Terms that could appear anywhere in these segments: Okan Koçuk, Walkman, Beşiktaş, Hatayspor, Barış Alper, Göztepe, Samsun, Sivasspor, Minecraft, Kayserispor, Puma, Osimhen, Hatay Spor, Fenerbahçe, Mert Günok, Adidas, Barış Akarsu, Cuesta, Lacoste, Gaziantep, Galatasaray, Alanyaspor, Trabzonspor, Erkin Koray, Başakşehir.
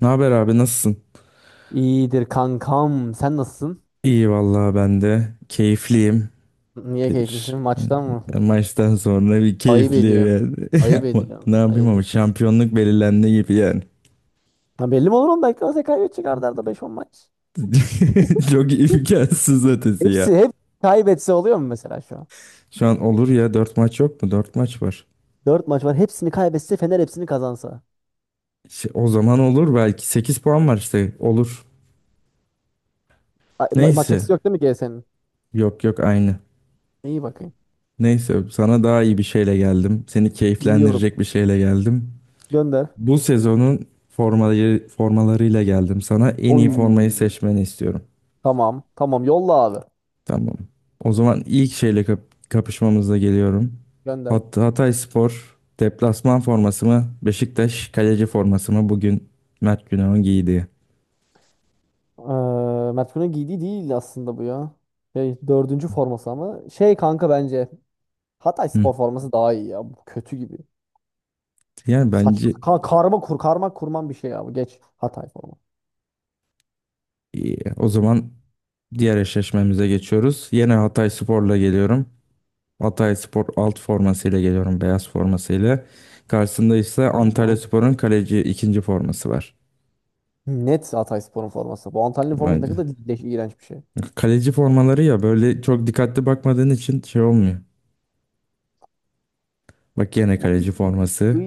Ne haber abi nasılsın? İyidir kankam. Sen nasılsın? İyi vallahi ben de keyifliyim. Niye Bir keyiflisin? Maçtan mı? Maçtan sonra bir Ayıp keyifliyim ediyorsun. yani. Ayıp Ama ne ediyorsun. yapayım Ayıp ama ediyorsun. şampiyonluk belirlendi gibi yani. Ha belli mi olur 10 dakika? Sen kaybet çıkardı arada beş on maç. Çok imkansız ötesi ya. Hepsi hep kaybetse oluyor mu mesela şu an? Şu an olur ya 4 maç yok mu? 4 maç var. 4 maç var. Hepsini kaybetse Fener hepsini kazansa. İşte o zaman olur belki 8 puan var işte olur. Ay, maç Neyse. eksisi yok değil mi GS'nin? Yok yok aynı. İyi bakayım. Neyse sana daha iyi bir şeyle geldim. Seni Dinliyorum. keyiflendirecek bir şeyle geldim. Gönder. Bu sezonun formalarıyla geldim sana. En iyi formayı Oy. seçmeni istiyorum. Tamam. Tamam. Yolla abi. Tamam. O zaman ilk şeyle kapışmamızla geliyorum. Gönder. Hatay Spor deplasman forması mı? Beşiktaş kaleci forması mı? Bugün Mert Günok'un giydiği. Mert Günok'un giydiği değil aslında bu ya. Dördüncü forması ama. Şey kanka bence. Hı. Hatayspor forması daha iyi ya. Bu kötü gibi. Yani Saçma bence sapan. Karma kurman bir şey ya. Bu geç. Hatay forması. iyi. O zaman diğer eşleşmemize geçiyoruz. Yine Hatay Spor'la geliyorum. Hatay Spor alt formasıyla geliyorum. Beyaz formasıyla. Karşısında ise Antalya Tamam. Spor'un kaleci ikinci forması var. Net Hatayspor'un forması. Bu Antalya'nın Vay, forması ne kadar leş, iğrenç bir şey. kaleci formaları ya böyle çok dikkatli bakmadığın için şey olmuyor. Bak yine kaleci forması. Iy,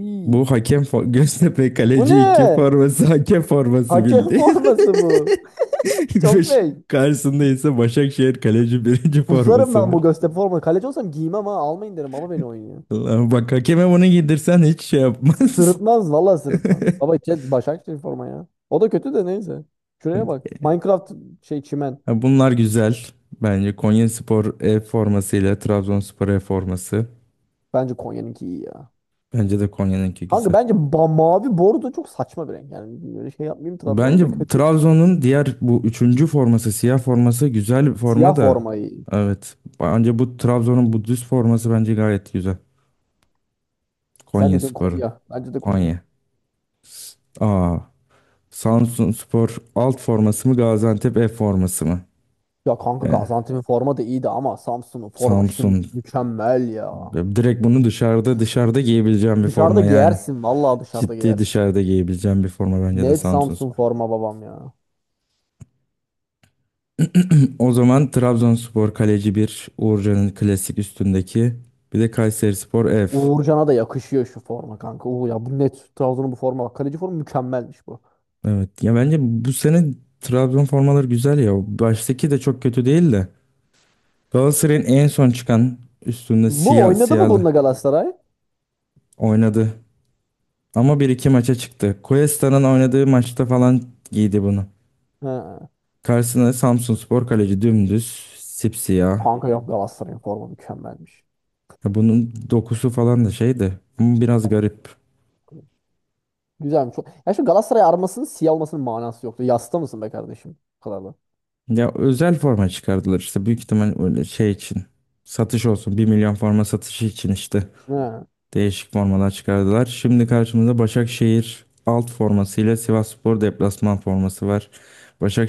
iy. Göztepe Bu ne? kaleci 2 forması hakem forması Hakem bildi. forması bu. Çok Beş- leş. Karşısında ise Başakşehir kaleci birinci Kusarım forması ben bu var. Göztepe forması. Kaleci olsam giymem ha. Almayın derim. Baba beni oynuyor. Allah'ım bak hakeme bunu giydirsen hiç şey yapmaz. Sırıtmaz. Vallahi sırıtmaz. Baba chat Başakşehir forma ya. O da kötü de neyse. Şuraya bak. Minecraft şey çimen. Ha, bunlar güzel. Bence Konyaspor E formasıyla Trabzonspor E forması. Bence Konya'nınki iyi ya. Bence de Konya'nınki Kanka güzel. bence mavi bordo çok saçma bir renk. Yani böyle şey yapmayayım Trabzon'a Bence da kötü. Trabzon'un diğer bu üçüncü forması, siyah forması güzel bir Siyah forma da. formayı. Evet. Bence bu Trabzon'un bu düz forması bence gayet güzel. Sen Konya dedin Spor'un. Konya. Bence de Konya. Konya. Aa, Samsun Spor alt forması mı Gaziantep F forması mı? Ya kanka Yani Gaziantep'in forma da iyiydi ama Samsun'un forma Samsun şimdi mükemmel ya. direkt bunu dışarıda dışarıda giyebileceğim bir Dışarıda forma yani. giyersin. Vallahi dışarıda Ciddi giyersin. dışarıda giyebileceğim bir forma bence de Net Samsun. Samsun forma babam ya. O zaman Trabzonspor kaleci bir Uğurcan'ın klasik üstündeki. Bir de Kayserispor F. Uğurcan'a da yakışıyor şu forma kanka. Uğur ya bu net Trabzon'un bu forma. Bak, kaleci forma mükemmelmiş bu. Evet. Ya bence bu sene Trabzon formaları güzel ya. Baştaki de çok kötü değil de. Galatasaray'ın en son çıkan üstünde Bu siyah oynadı mı siyahlı bununla Galatasaray? oynadı. Ama bir iki maça çıktı. Cuesta'nın oynadığı maçta falan giydi bunu. He. Karşısına Samsunspor kaleci dümdüz sipsiyah. Kanka yok Galatasaray'ın forma mükemmelmiş. Ya bunun dokusu falan da şeydi. Ama biraz garip. Güzelmiş. Ya şu Galatasaray armasının siyah olmasının manası yoktu. Yasta mısın be kardeşim? Bu kadar da. Ya özel forma çıkardılar işte büyük ihtimal öyle şey için. Satış olsun. 1 milyon forma satışı için işte. He. Değişik formalar çıkardılar. Şimdi karşımızda Başakşehir alt forması ile Sivasspor deplasman forması var.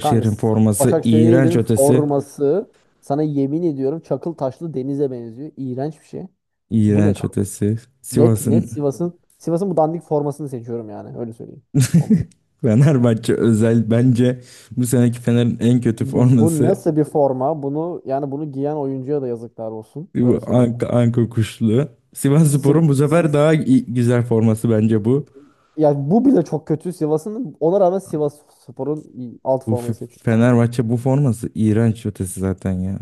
Kanka s- forması iğrenç Başakşehir'in ötesi. forması sana yemin ediyorum çakıl taşlı denize benziyor. İğrenç bir şey. Bu ne İğrenç kanka? ötesi. Net net Sivas'ın Sivas'ın bu dandik formasını seçiyorum yani öyle söyleyeyim. Olmuyor. Fenerbahçe özel bence bu seneki Fener'in en kötü Bu forması nasıl bir forma? Bunu yani bunu giyen oyuncuya da yazıklar olsun. bu Öyle söyleyeyim. Anka kuşlu. Siv- Sivasspor'un bu sefer Siv- daha güzel forması bence bu. ya bu bile çok kötü Sivas'ın. Ona rağmen Sivas Spor'un alt Bu F- formayı seçiyorum. Fenerbahçe bu forması iğrenç ötesi zaten ya.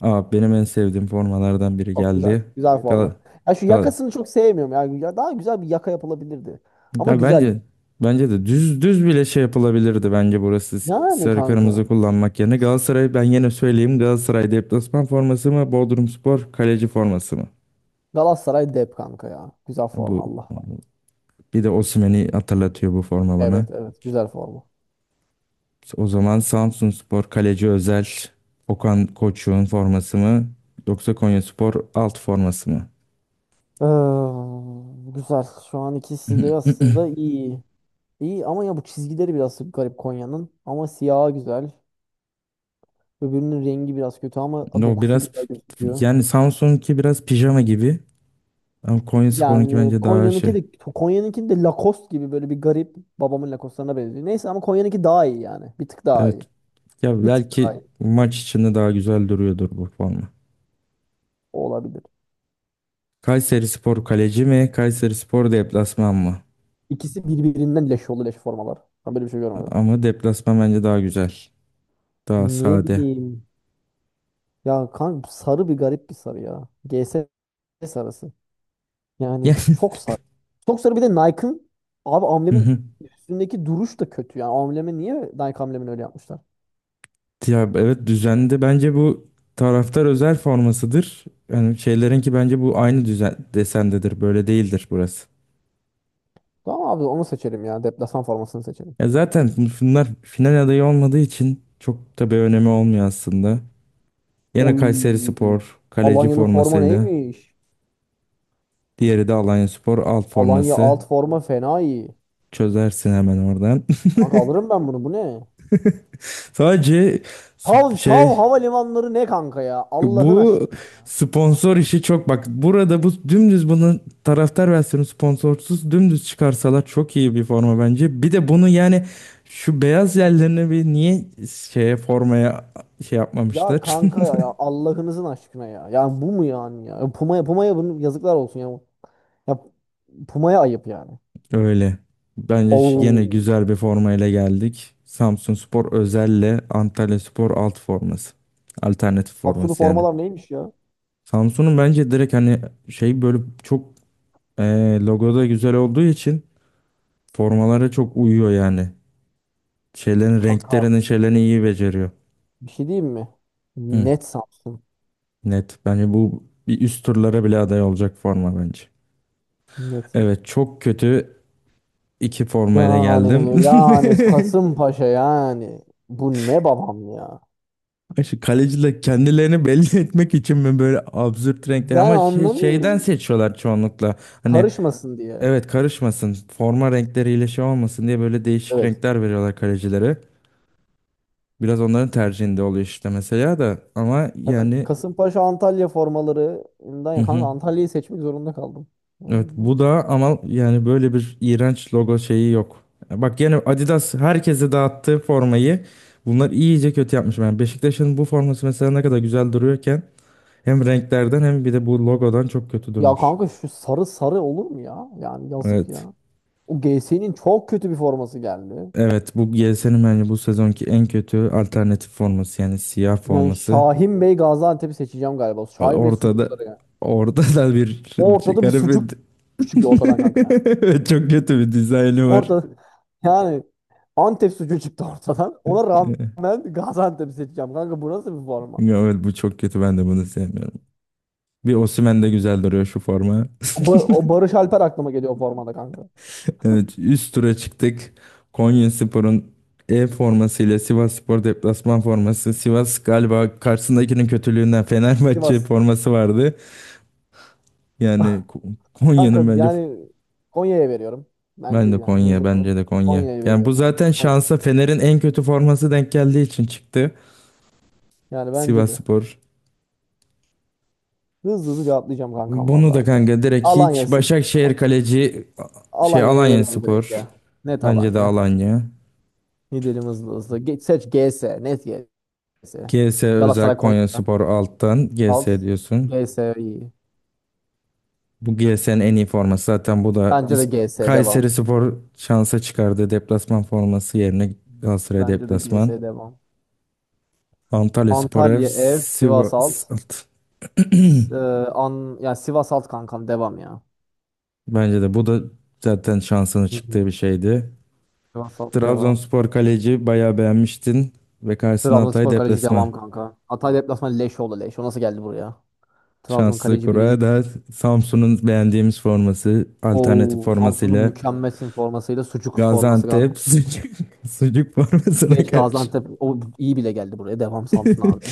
Aa, benim en sevdiğim formalardan biri Çok güzel. geldi. Güzel. Evet, Gal forma. Ya şu Gal yakasını çok sevmiyorum. Yani ya daha güzel bir yaka yapılabilirdi. Ama Ya güzel. bence de düz düz bile şey yapılabilirdi bence burası Yani sarı kırmızı kanka. kullanmak yerine. Galatasaray ben yine söyleyeyim Galatasaray deplasman forması mı Bodrumspor kaleci forması mı? Galatasaray dep kanka ya. Güzel forma Bu Allah var. Bir de Osimhen'i hatırlatıyor bu forma bana. Evet evet güzel forma. O zaman Samsunspor kaleci özel Okan Koçuk'un forması mı yoksa Konyaspor alt forması mı? Güzel. Şu an ikisi de aslında iyi. İyi ama ya bu çizgileri biraz garip Konya'nın. Ama siyahı güzel. Öbürünün rengi biraz kötü ama No dokusu biraz güzel gözüküyor. yani Samsun'unki biraz pijama gibi ama Konyaspor'unki Yani bence daha Konya'nınki şey. de Konya'nınki de Lacoste gibi böyle bir garip babamın Lacoste'larına benziyor. Neyse ama Konya'nınki daha iyi yani. Bir tık daha Evet. iyi. Ya Bir tık daha belki iyi. maç içinde daha güzel duruyordur bu forma. O olabilir. Kayserispor kaleci mi? Kayserispor deplasman mı? İkisi birbirinden leş oldu leş formalar. Ben böyle bir şey görmedim. Ama deplasman bence daha güzel. Daha Ne sade. bileyim. Ya kanka sarı bir garip bir sarı ya. G S sarısı. Yani Yani. çok sarı. Çok sarı bir de Nike'ın abi Hı amblemin hı. üstündeki duruş da kötü. Yani amblemi niye Nike amblemini öyle yapmışlar? Ya evet düzende bence bu taraftar özel formasıdır. Yani şeylerinki bence bu aynı düzen desendedir. Böyle değildir burası. Tamam abi onu seçelim ya. Deplasman formasını seçelim. Ya zaten bunlar final adayı olmadığı için çok da bir önemi olmuyor aslında. Yine Oy. Kayserispor kaleci Alanya'nın forma formasıyla, neymiş? diğeri de Alanyaspor alt Alanya forması. alt forma fena iyi. Çözersin hemen oradan. Kanka alırım ben bunu. Bu ne? Sadece Tav, şey Tav havalimanları ne kanka ya? Allah'ın bu aşkına. sponsor işi çok bak burada bu dümdüz bunun taraftar versiyonu sponsorsuz dümdüz çıkarsalar çok iyi bir forma bence. Bir de bunu yani şu beyaz yerlerini bir niye şeye formaya şey Ya yapmamışlar? kanka ya, ya Allah'ınızın aşkına ya. Yani bu mu yani ya? Puma'ya bunu yazıklar olsun ya. Ya Puma'ya ayıp yani. Öyle. Bence yine Oo. güzel bir formayla geldik. Samsunspor özelle Antalyaspor alt forması. Alternatif Samsun'un forması yani. formalar neymiş ya? Samsun'un bence direkt hani şey böyle çok. Logo da güzel olduğu için formalara çok uyuyor yani. Şeylerin Kanka renklerinin şeylerini iyi beceriyor. bir şey diyeyim mi? Hı, Net Samsun. net. Bence bu bir üst turlara bile aday olacak forma bence. Net. Evet çok kötü iki formayla geldim. Yani yani Kasımpaşa yani. Bu ne babam ya? Ay, şu kaleciler kendilerini belli etmek için mi böyle absürt renkler Ben ama şey, şeyden anlamıyorum. seçiyorlar çoğunlukla. Hani Karışmasın diye. evet karışmasın forma renkleriyle şey olmasın diye böyle değişik Evet. renkler veriyorlar kalecilere. Biraz onların tercihinde oluyor işte mesela da ama Ya yani Kasımpaşa Antalya formalarından hı ya kanka hı. Antalya'yı seçmek zorunda kaldım. Yani Evet bu da ama yani böyle bir iğrenç logo şeyi yok. Bak yine Adidas herkese dağıttığı formayı bunlar iyice kötü yapmış. Yani Beşiktaş'ın bu forması mesela ne kadar güzel duruyorken hem renklerden hem bir de bu logodan çok kötü ya durmuş. kanka şu sarı sarı olur mu ya? Yani yazık Evet. ya. O G GS'nin çok kötü bir forması geldi. Evet bu GS'nin bence bu sezonki en kötü alternatif forması yani siyah Yani forması. Şahin Bey Gaziantep'i seçeceğim galiba. Şahin Bey Ortada sucukları yani. ortada bir Ortada bir garip. sucuk çıkıyor ortadan kanka yani. Çok kötü bir dizaynı var. Ortada yani Antep sucuğu çıktı ortadan. Ona rağmen Gaziantep'i seçeceğim kanka. Bu nasıl bir forma? Evet bu çok kötü ben de bunu sevmiyorum. Bir Osimhen de güzel duruyor şu forma. O, o Barış Alper aklıma geliyor o formada kanka. Evet üst tura çıktık. Konyaspor'un E formasıyla Sivasspor deplasman forması. Sivas galiba karşısındakinin kötülüğünden Fenerbahçe Sivas. forması vardı. Yani Ko- Kanka Konya'nın bence yani Konya'ya veriyorum. Bence ben de yani Konya hızlı kalıp bence de Konya. Konya'ya Yani bu veriyorum yani. zaten Konya. şansa Fener'in en kötü forması denk geldiği için çıktı. Yani bence de. Sivasspor. Hızlı hızlı cevaplayacağım kankam Bunu da valla. kanka direkt Alanya, hiç. Başakşehir kaleci şey Alanya'ya veriyorum direkt Alanyaspor. ya. Net Bence de Alanya. Alanya. Gidelim hızlı hızlı. Geç, seç GS. Net GS. G S özel Galatasaray Konya Konyaspor alttan G alt. S diyorsun. GS iyi. Bu GS'nin en iyi forması zaten bu da Bence de GS devam. Kayserispor şansa çıkardı. Deplasman forması yerine Galatasaray Bence de deplasman. GS devam. Antalyaspor ev Antalya ev. Sivas Sivas. alt. S- e, yani Sivas alt kankam devam ya. Bence de bu da zaten şansına Hı hı. çıktığı bir şeydi. Sivas alt devam. Trabzonspor kaleci bayağı beğenmiştin ve karşısına Hatay Trabzonspor kaleci deplasman. devam kanka. Hatay deplasmanı leş oldu leş. O nasıl geldi buraya? Trabzon Şanslı kaleci biri iyi. Kura'da Samsun'un beğendiğimiz forması alternatif O Samsun'un formasıyla mükemmelsin formasıyla sucuk forması. Gaziantep sucuk formasına Geç karşı. Gaziantep o iyi bile geldi buraya. Devam Samsun abi.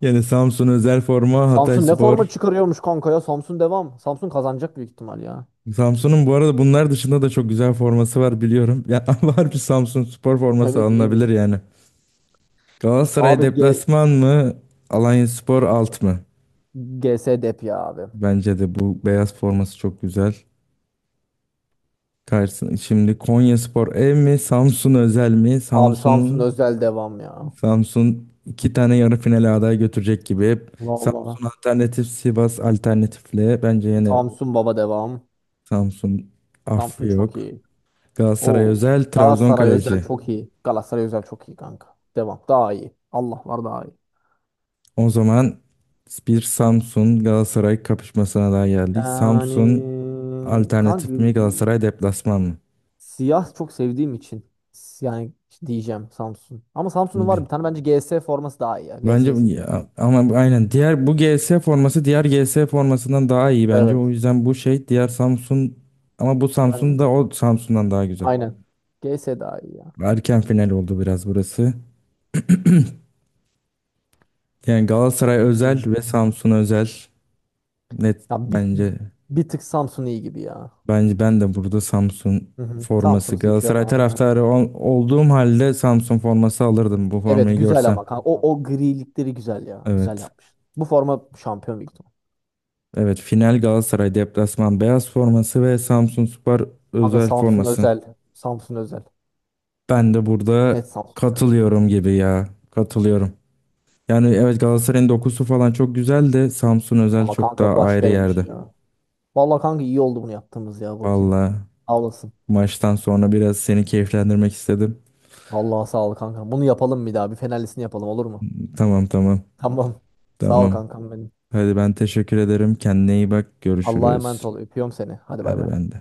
Yani Samsun özel forma Hatay Samsun ne Spor. forma çıkarıyormuş kanka ya. Samsun devam. Samsun kazanacak büyük ihtimal ya. Samsun'un bu arada bunlar dışında da çok güzel forması var biliyorum. Ya var bir Samsun Spor forması Evet alınabilir iyiymiş. yani. Galatasaray Abi deplasman mı? Alanyaspor alt mı? GS dep ya abi. Bence de bu beyaz forması çok güzel. Karşısına, şimdi Konyaspor ev mi? Samsun özel mi? Abi Samsun Samsun'un. özel devam ya. Samsun iki tane yarı finale aday götürecek gibi. Vallahi. Samsun alternatif, Sivas alternatifle. Bence yine Samsun baba devam. Samsun affı Samsun çok yok. iyi. Galatasaray Oo. özel, Trabzon Galatasaray özel kaleci. çok iyi. Galatasaray özel çok iyi kanka. Devam. Daha iyi. Allah var daha iyi. O zaman bir Samsun Galatasaray kapışmasına daha geldik. Yani Samsun kanka alternatif mi Galatasaray deplasman mı? siyah çok sevdiğim için yani diyeceğim Samsun. Ama Samsun'un var Bi- bir tane bence G S forması daha iyi ya. GS'yi seç. Ama aynen diğer bu G S forması diğer G S formasından daha iyi bence. O Evet. yüzden bu şey diğer Samsun ama bu Samsun Ben da o Samsun'dan daha güzel. aynen. G S daha iyi ya. Erken final oldu biraz burası. Yani Galatasaray özel Hmm. ve Samsun özel. Net Ya bir, bence. bir tık Samsun iyi gibi ya. Bence ben de burada Samsun Hı hı. forması Samsun'u seçiyorum Galatasaray abi ben de. taraftarı olduğum halde Samsun forması alırdım bu Evet formayı güzel görsem. ama kanka. O grilikleri güzel ya. Güzel Evet. yapmış. Bu forma şampiyon büyük ihtimal. Evet final Galatasaray deplasman beyaz forması ve Samsunspor Kanka özel Samsun forması. özel. Samsun özel. Ben de Net burada Samsun. katılıyorum gibi ya. Katılıyorum. Yani evet Galatasaray'ın dokusu falan çok güzel de Samsun özel Ama çok daha kanka ayrı başkaymış yerde. ya. Vallahi kanka iyi oldu bunu yaptığımız ya Burkim. Vallahi. Sağ olasın. Maçtan sonra biraz seni keyiflendirmek istedim. Vallahi sağ ol kankam. Bunu yapalım bir daha. Bir fenerlisini yapalım olur mu? Tamam tamam Tamam. Sağ ol tamam. kankam benim. Hadi ben teşekkür ederim. Kendine iyi bak. Allah'a emanet Görüşürüz. ol. Öpüyorum seni. Hadi bay bay. Hadi ben de.